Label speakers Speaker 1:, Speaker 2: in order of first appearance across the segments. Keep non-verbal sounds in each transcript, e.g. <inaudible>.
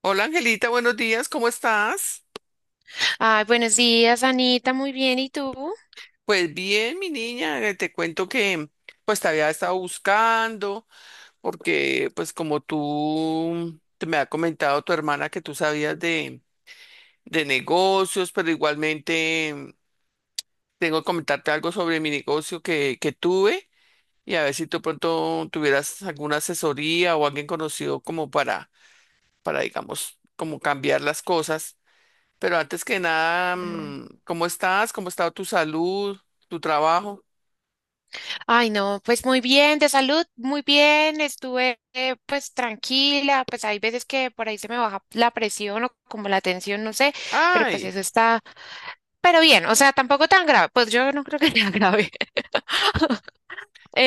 Speaker 1: Hola Angelita, buenos días, ¿cómo estás?
Speaker 2: Ay, buenos días, Anita, muy bien, ¿y tú?
Speaker 1: Pues bien, mi niña, te cuento que pues te había estado buscando porque pues como tú te me ha comentado tu hermana que tú sabías de negocios, pero igualmente tengo que comentarte algo sobre mi negocio que tuve y a ver si tú pronto tuvieras alguna asesoría o alguien conocido como para digamos, como cambiar las cosas. Pero antes que nada,
Speaker 2: Mm.
Speaker 1: ¿cómo estás? ¿Cómo ha estado tu salud, tu trabajo?
Speaker 2: Ay, no, pues muy bien, de salud, muy bien, estuve pues tranquila, pues hay veces que por ahí se me baja la presión o como la tensión, no sé, pero pues
Speaker 1: Ay,
Speaker 2: eso está, pero bien, o sea, tampoco tan grave, pues yo no creo que sea grave. <laughs>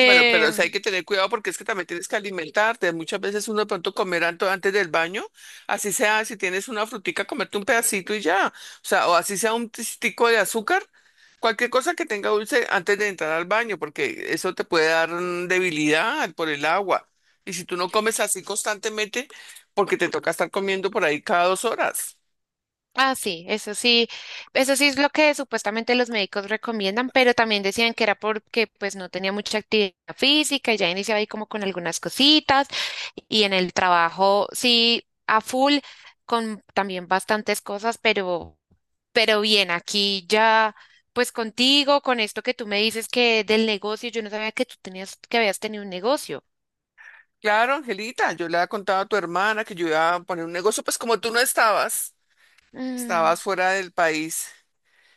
Speaker 1: bueno, pero o sea, hay que tener cuidado porque es que también tienes que alimentarte. Muchas veces uno de pronto comer antes del baño, así sea, si tienes una frutica, comerte un pedacito y ya. O sea, o así sea un tistico de azúcar, cualquier cosa que tenga dulce antes de entrar al baño, porque eso te puede dar debilidad por el agua. Y si tú no comes así constantemente, porque te toca estar comiendo por ahí cada dos horas.
Speaker 2: Ah, sí, eso sí, eso sí es lo que supuestamente los médicos recomiendan, pero también decían que era porque pues no tenía mucha actividad física y ya iniciaba ahí como con algunas cositas y en el trabajo sí a full con también bastantes cosas, pero bien, aquí ya pues contigo, con esto que tú me dices que del negocio, yo no sabía que tú tenías que habías tenido un negocio.
Speaker 1: Claro, Angelita, yo le había contado a tu hermana que yo iba a poner un negocio, pues como tú no estabas,
Speaker 2: Mm,
Speaker 1: estabas fuera del país.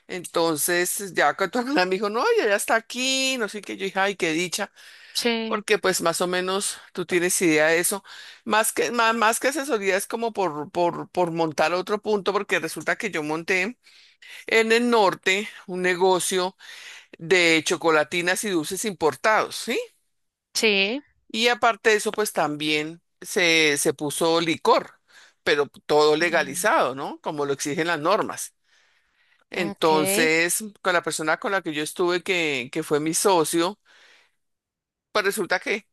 Speaker 1: Entonces, ya que tu <laughs> hermana me dijo, no, ella ya está aquí, no sé qué, yo dije, ay, qué dicha,
Speaker 2: sí,
Speaker 1: porque pues más o menos tú tienes idea de eso. Más más que asesoría es como por montar otro punto, porque resulta que yo monté en el norte un negocio de chocolatinas y dulces importados, ¿sí?
Speaker 2: sí.
Speaker 1: Y aparte de eso, pues también se puso licor, pero todo
Speaker 2: Mm,
Speaker 1: legalizado, ¿no? Como lo exigen las normas.
Speaker 2: ok.
Speaker 1: Entonces, con la persona con la que yo estuve, que fue mi socio, pues resulta que,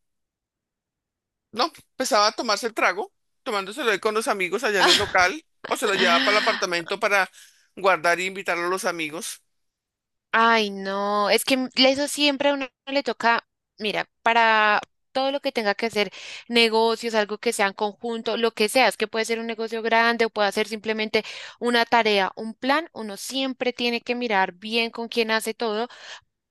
Speaker 1: no, empezaba a tomarse el trago, tomándoselo ahí con los amigos allá en el local, o se lo llevaba para el
Speaker 2: <laughs>
Speaker 1: apartamento para guardar y invitarlo a los amigos.
Speaker 2: Ay, no, es que eso siempre a uno le toca, mira, para todo lo que tenga que hacer, negocios, algo que sea en conjunto, lo que sea, es que puede ser un negocio grande o puede ser simplemente una tarea, un plan, uno siempre tiene que mirar bien con quién hace todo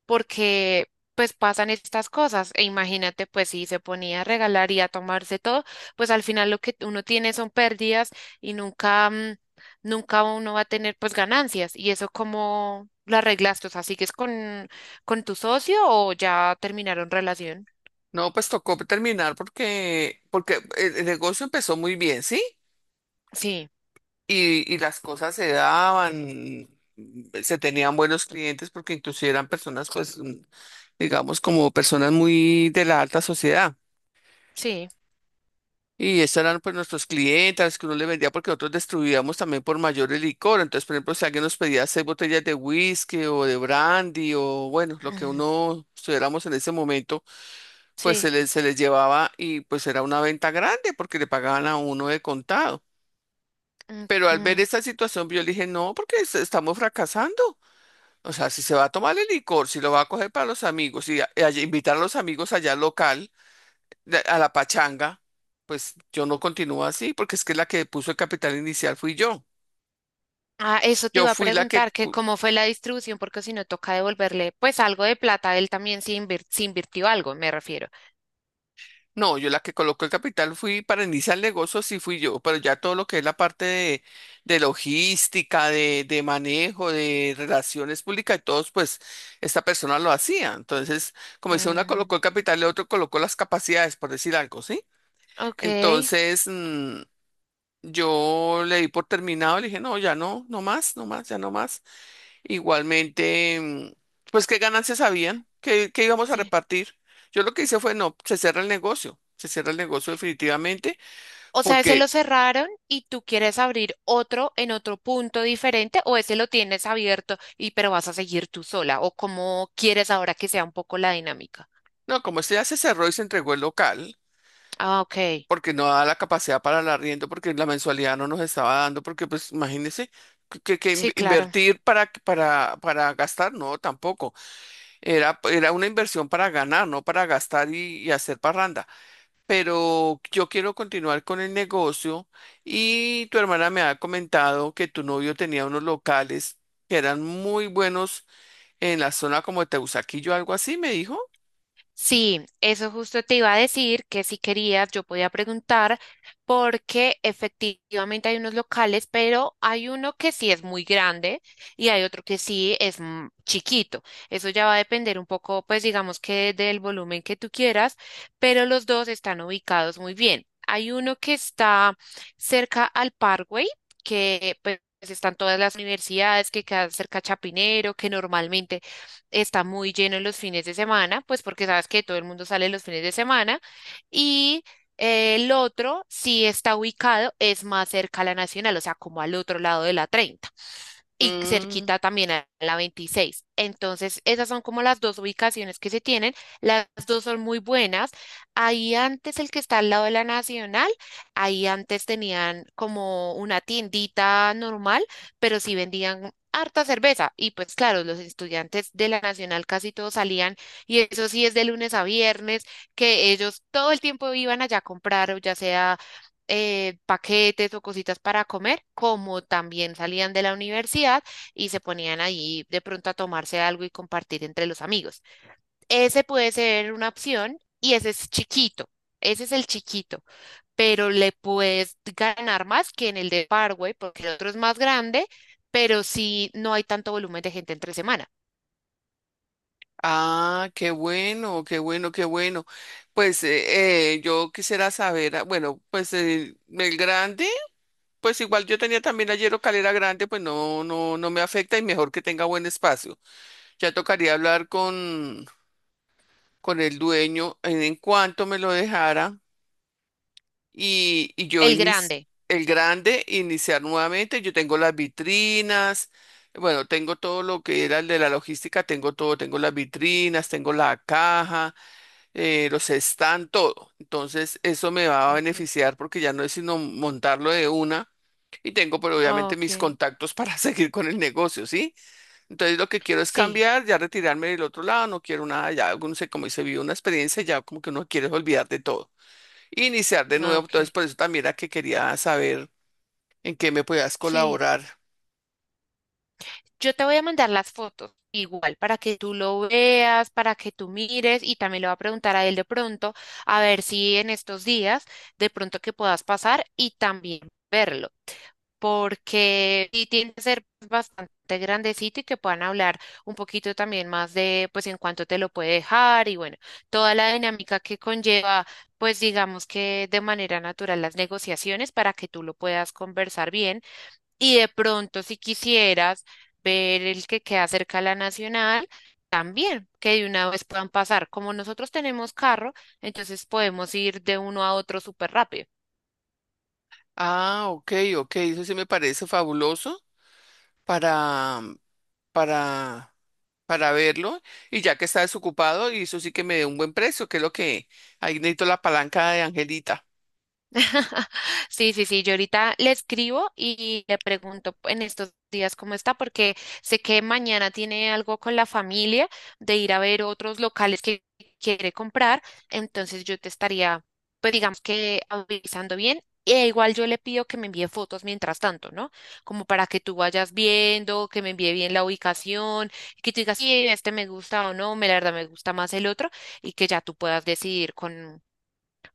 Speaker 2: porque pues pasan estas cosas. E imagínate, pues si se ponía a regalar y a tomarse todo, pues al final lo que uno tiene son pérdidas y nunca, nunca uno va a tener pues ganancias. ¿Y eso cómo lo arreglaste? O sea, ¿sigues con tu socio o ya terminaron relación?
Speaker 1: No, pues tocó terminar porque, porque el negocio empezó muy bien, ¿sí?
Speaker 2: Sí,
Speaker 1: Y las cosas se daban, se tenían buenos clientes porque inclusive eran personas, pues, digamos, como personas muy de la alta sociedad.
Speaker 2: sí,
Speaker 1: Y esos eran pues nuestros clientes que uno le vendía porque nosotros distribuíamos también por mayor el licor. Entonces, por ejemplo, si alguien nos pedía seis botellas de whisky o de brandy o bueno, lo que
Speaker 2: mm,
Speaker 1: uno estuviéramos en ese momento, pues
Speaker 2: sí.
Speaker 1: se les llevaba y pues era una venta grande porque le pagaban a uno de contado.
Speaker 2: Mm,
Speaker 1: Pero al ver
Speaker 2: mm.
Speaker 1: esta situación, yo le dije, no, porque estamos fracasando. O sea, si se va a tomar el licor, si lo va a coger para los amigos y invitar a los amigos allá al local, a la pachanga, pues yo no continúo así, porque es que la que puso el capital inicial fui yo.
Speaker 2: Ah, eso te
Speaker 1: Yo
Speaker 2: iba a
Speaker 1: fui la que,
Speaker 2: preguntar, que cómo fue la distribución, porque si no toca devolverle pues algo de plata, él también se invirtió algo, me refiero.
Speaker 1: no, yo la que colocó el capital fui para iniciar el negocio, sí fui yo, pero ya todo lo que es la parte de logística, de manejo, de relaciones públicas y todos, pues esta persona lo hacía. Entonces, como dice, una colocó
Speaker 2: Mm.
Speaker 1: el capital y otro colocó las capacidades, por decir algo, ¿sí?
Speaker 2: Ok,
Speaker 1: Entonces, yo le di por terminado, le dije, no, ya no, no más, no más, ya no más. Igualmente, pues qué ganancias habían, qué íbamos a
Speaker 2: sí.
Speaker 1: repartir. Yo lo que hice fue, no, se cierra el negocio, se cierra el negocio definitivamente,
Speaker 2: O sea, ese lo
Speaker 1: porque,
Speaker 2: cerraron y tú quieres abrir otro en otro punto diferente o ese lo tienes abierto y pero vas a seguir tú sola o cómo quieres ahora que sea un poco la dinámica.
Speaker 1: no, como este ya se cerró y se entregó el local,
Speaker 2: Ah, ok.
Speaker 1: porque no da la capacidad para el arriendo, porque la mensualidad no nos estaba dando, porque pues imagínense. Que
Speaker 2: Sí, claro.
Speaker 1: invertir para gastar, no, tampoco. Era una inversión para ganar, no para gastar y hacer parranda. Pero yo quiero continuar con el negocio y tu hermana me ha comentado que tu novio tenía unos locales que eran muy buenos en la zona como de Teusaquillo, algo así, me dijo.
Speaker 2: Sí, eso justo te iba a decir que si querías yo podía preguntar porque efectivamente hay unos locales, pero hay uno que sí es muy grande y hay otro que sí es chiquito. Eso ya va a depender un poco, pues digamos que del volumen que tú quieras, pero los dos están ubicados muy bien. Hay uno que está cerca al Parkway, que pues están todas las universidades que quedan cerca a Chapinero, que normalmente está muy lleno en los fines de semana, pues porque sabes que todo el mundo sale los fines de semana. Y el otro sí está ubicado, es más cerca a la Nacional, o sea, como al otro lado de la 30 y
Speaker 1: Mm,
Speaker 2: cerquita también a la 26. Entonces, esas son como las dos ubicaciones que se tienen. Las dos son muy buenas. Ahí antes, el que está al lado de la Nacional, ahí antes tenían como una tiendita normal, pero sí vendían harta cerveza. Y pues claro, los estudiantes de la Nacional casi todos salían, y eso sí es de lunes a viernes, que ellos todo el tiempo iban allá a comprar, o ya sea paquetes o cositas para comer, como también salían de la universidad y se ponían allí de pronto a tomarse algo y compartir entre los amigos. Ese puede ser una opción y ese es chiquito. Ese es el chiquito, pero le puedes ganar más que en el de Parkway, porque el otro es más grande, pero sí no hay tanto volumen de gente entre semana.
Speaker 1: ah, qué bueno, qué bueno, qué bueno. Pues yo quisiera saber, ah, bueno, pues el grande, pues igual yo tenía también ayer calera grande, pues no me afecta y mejor que tenga buen espacio. Ya tocaría hablar con el dueño en cuanto me lo dejara y yo
Speaker 2: El grande.
Speaker 1: el grande iniciar nuevamente. Yo tengo las vitrinas, bueno, tengo todo lo que era el de la logística, tengo todo, tengo las vitrinas, tengo la caja, los stands, todo. Entonces, eso me va a
Speaker 2: Okay.
Speaker 1: beneficiar porque ya no es sino montarlo de una. Y tengo, pero obviamente mis
Speaker 2: Okay.
Speaker 1: contactos para <laughs> seguir con el negocio, ¿sí? Entonces lo que quiero es
Speaker 2: Sí,
Speaker 1: cambiar, ya retirarme del otro lado, no quiero nada, ya uno se, como se vive una experiencia, ya como que uno quiere olvidar de todo, iniciar de nuevo, entonces
Speaker 2: okay.
Speaker 1: por eso también era que quería saber en qué me podías
Speaker 2: Sí.
Speaker 1: colaborar.
Speaker 2: Yo te voy a mandar las fotos igual para que tú lo veas, para que tú mires y también le voy a preguntar a él de pronto a ver si en estos días de pronto que puedas pasar y también verlo, porque sí tiene que ser bastante grandecito y que puedan hablar un poquito también más de pues en cuánto te lo puede dejar y bueno, toda la dinámica que conlleva pues digamos que de manera natural las negociaciones para que tú lo puedas conversar bien y de pronto, si quisieras ver el que queda cerca a la Nacional, también, que de una vez puedan pasar. Como nosotros tenemos carro, entonces podemos ir de uno a otro súper rápido.
Speaker 1: Ah, ok, ok, eso sí me parece fabuloso para, para, para verlo, y ya que está desocupado, y eso sí que me dé un buen precio, que es lo que, ahí necesito la palanca de Angelita.
Speaker 2: <laughs> Sí, sí, sí, yo ahorita le escribo y le pregunto en estos días cómo está, porque sé que mañana tiene algo con la familia de ir a ver otros locales que quiere comprar, entonces yo te estaría, pues digamos que avisando bien. E igual yo le pido que me envíe fotos mientras tanto, ¿no? Como para que tú vayas viendo, que me envíe bien la ubicación, que tú digas, sí, este me gusta o no, me la verdad me gusta más el otro, y que ya tú puedas decidir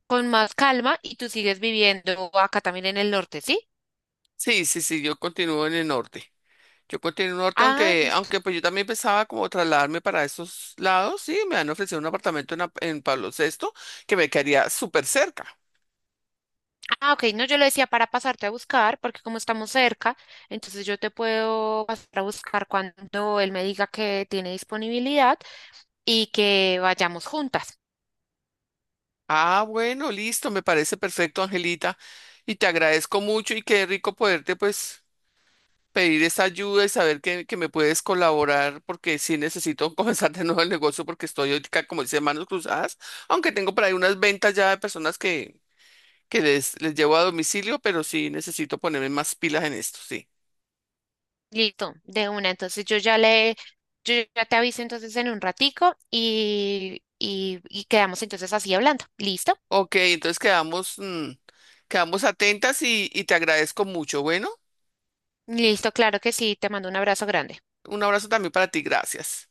Speaker 2: con más calma y tú sigues viviendo acá también en el norte, ¿sí?
Speaker 1: Sí, sí, sí, yo continúo en el norte. Yo continúo en el norte,
Speaker 2: Ah, listo.
Speaker 1: aunque pues yo también pensaba como trasladarme para esos lados. Sí, me han ofrecido un apartamento en Pablo VI que me quedaría súper cerca.
Speaker 2: Ah, ok, no, yo le decía para pasarte a buscar, porque como estamos cerca, entonces yo te puedo pasar a buscar cuando él me diga que tiene disponibilidad y que vayamos juntas.
Speaker 1: Ah, bueno, listo, me parece perfecto, Angelita. Y te agradezco mucho y qué rico poderte pues pedir esa ayuda y saber que me puedes colaborar porque sí necesito <laughs> comenzar de nuevo el negocio porque estoy ahorita, como dice, manos cruzadas, aunque tengo por ahí unas ventas ya de personas que les llevo a domicilio, pero sí necesito ponerme más pilas en esto, sí.
Speaker 2: Listo, de una. Entonces yo ya le, yo ya te aviso entonces en un ratico y quedamos entonces así hablando. ¿Listo?
Speaker 1: Ok, entonces quedamos, quedamos atentas y te agradezco mucho. Bueno,
Speaker 2: Listo, claro que sí, te mando un abrazo grande.
Speaker 1: un abrazo también para ti, gracias.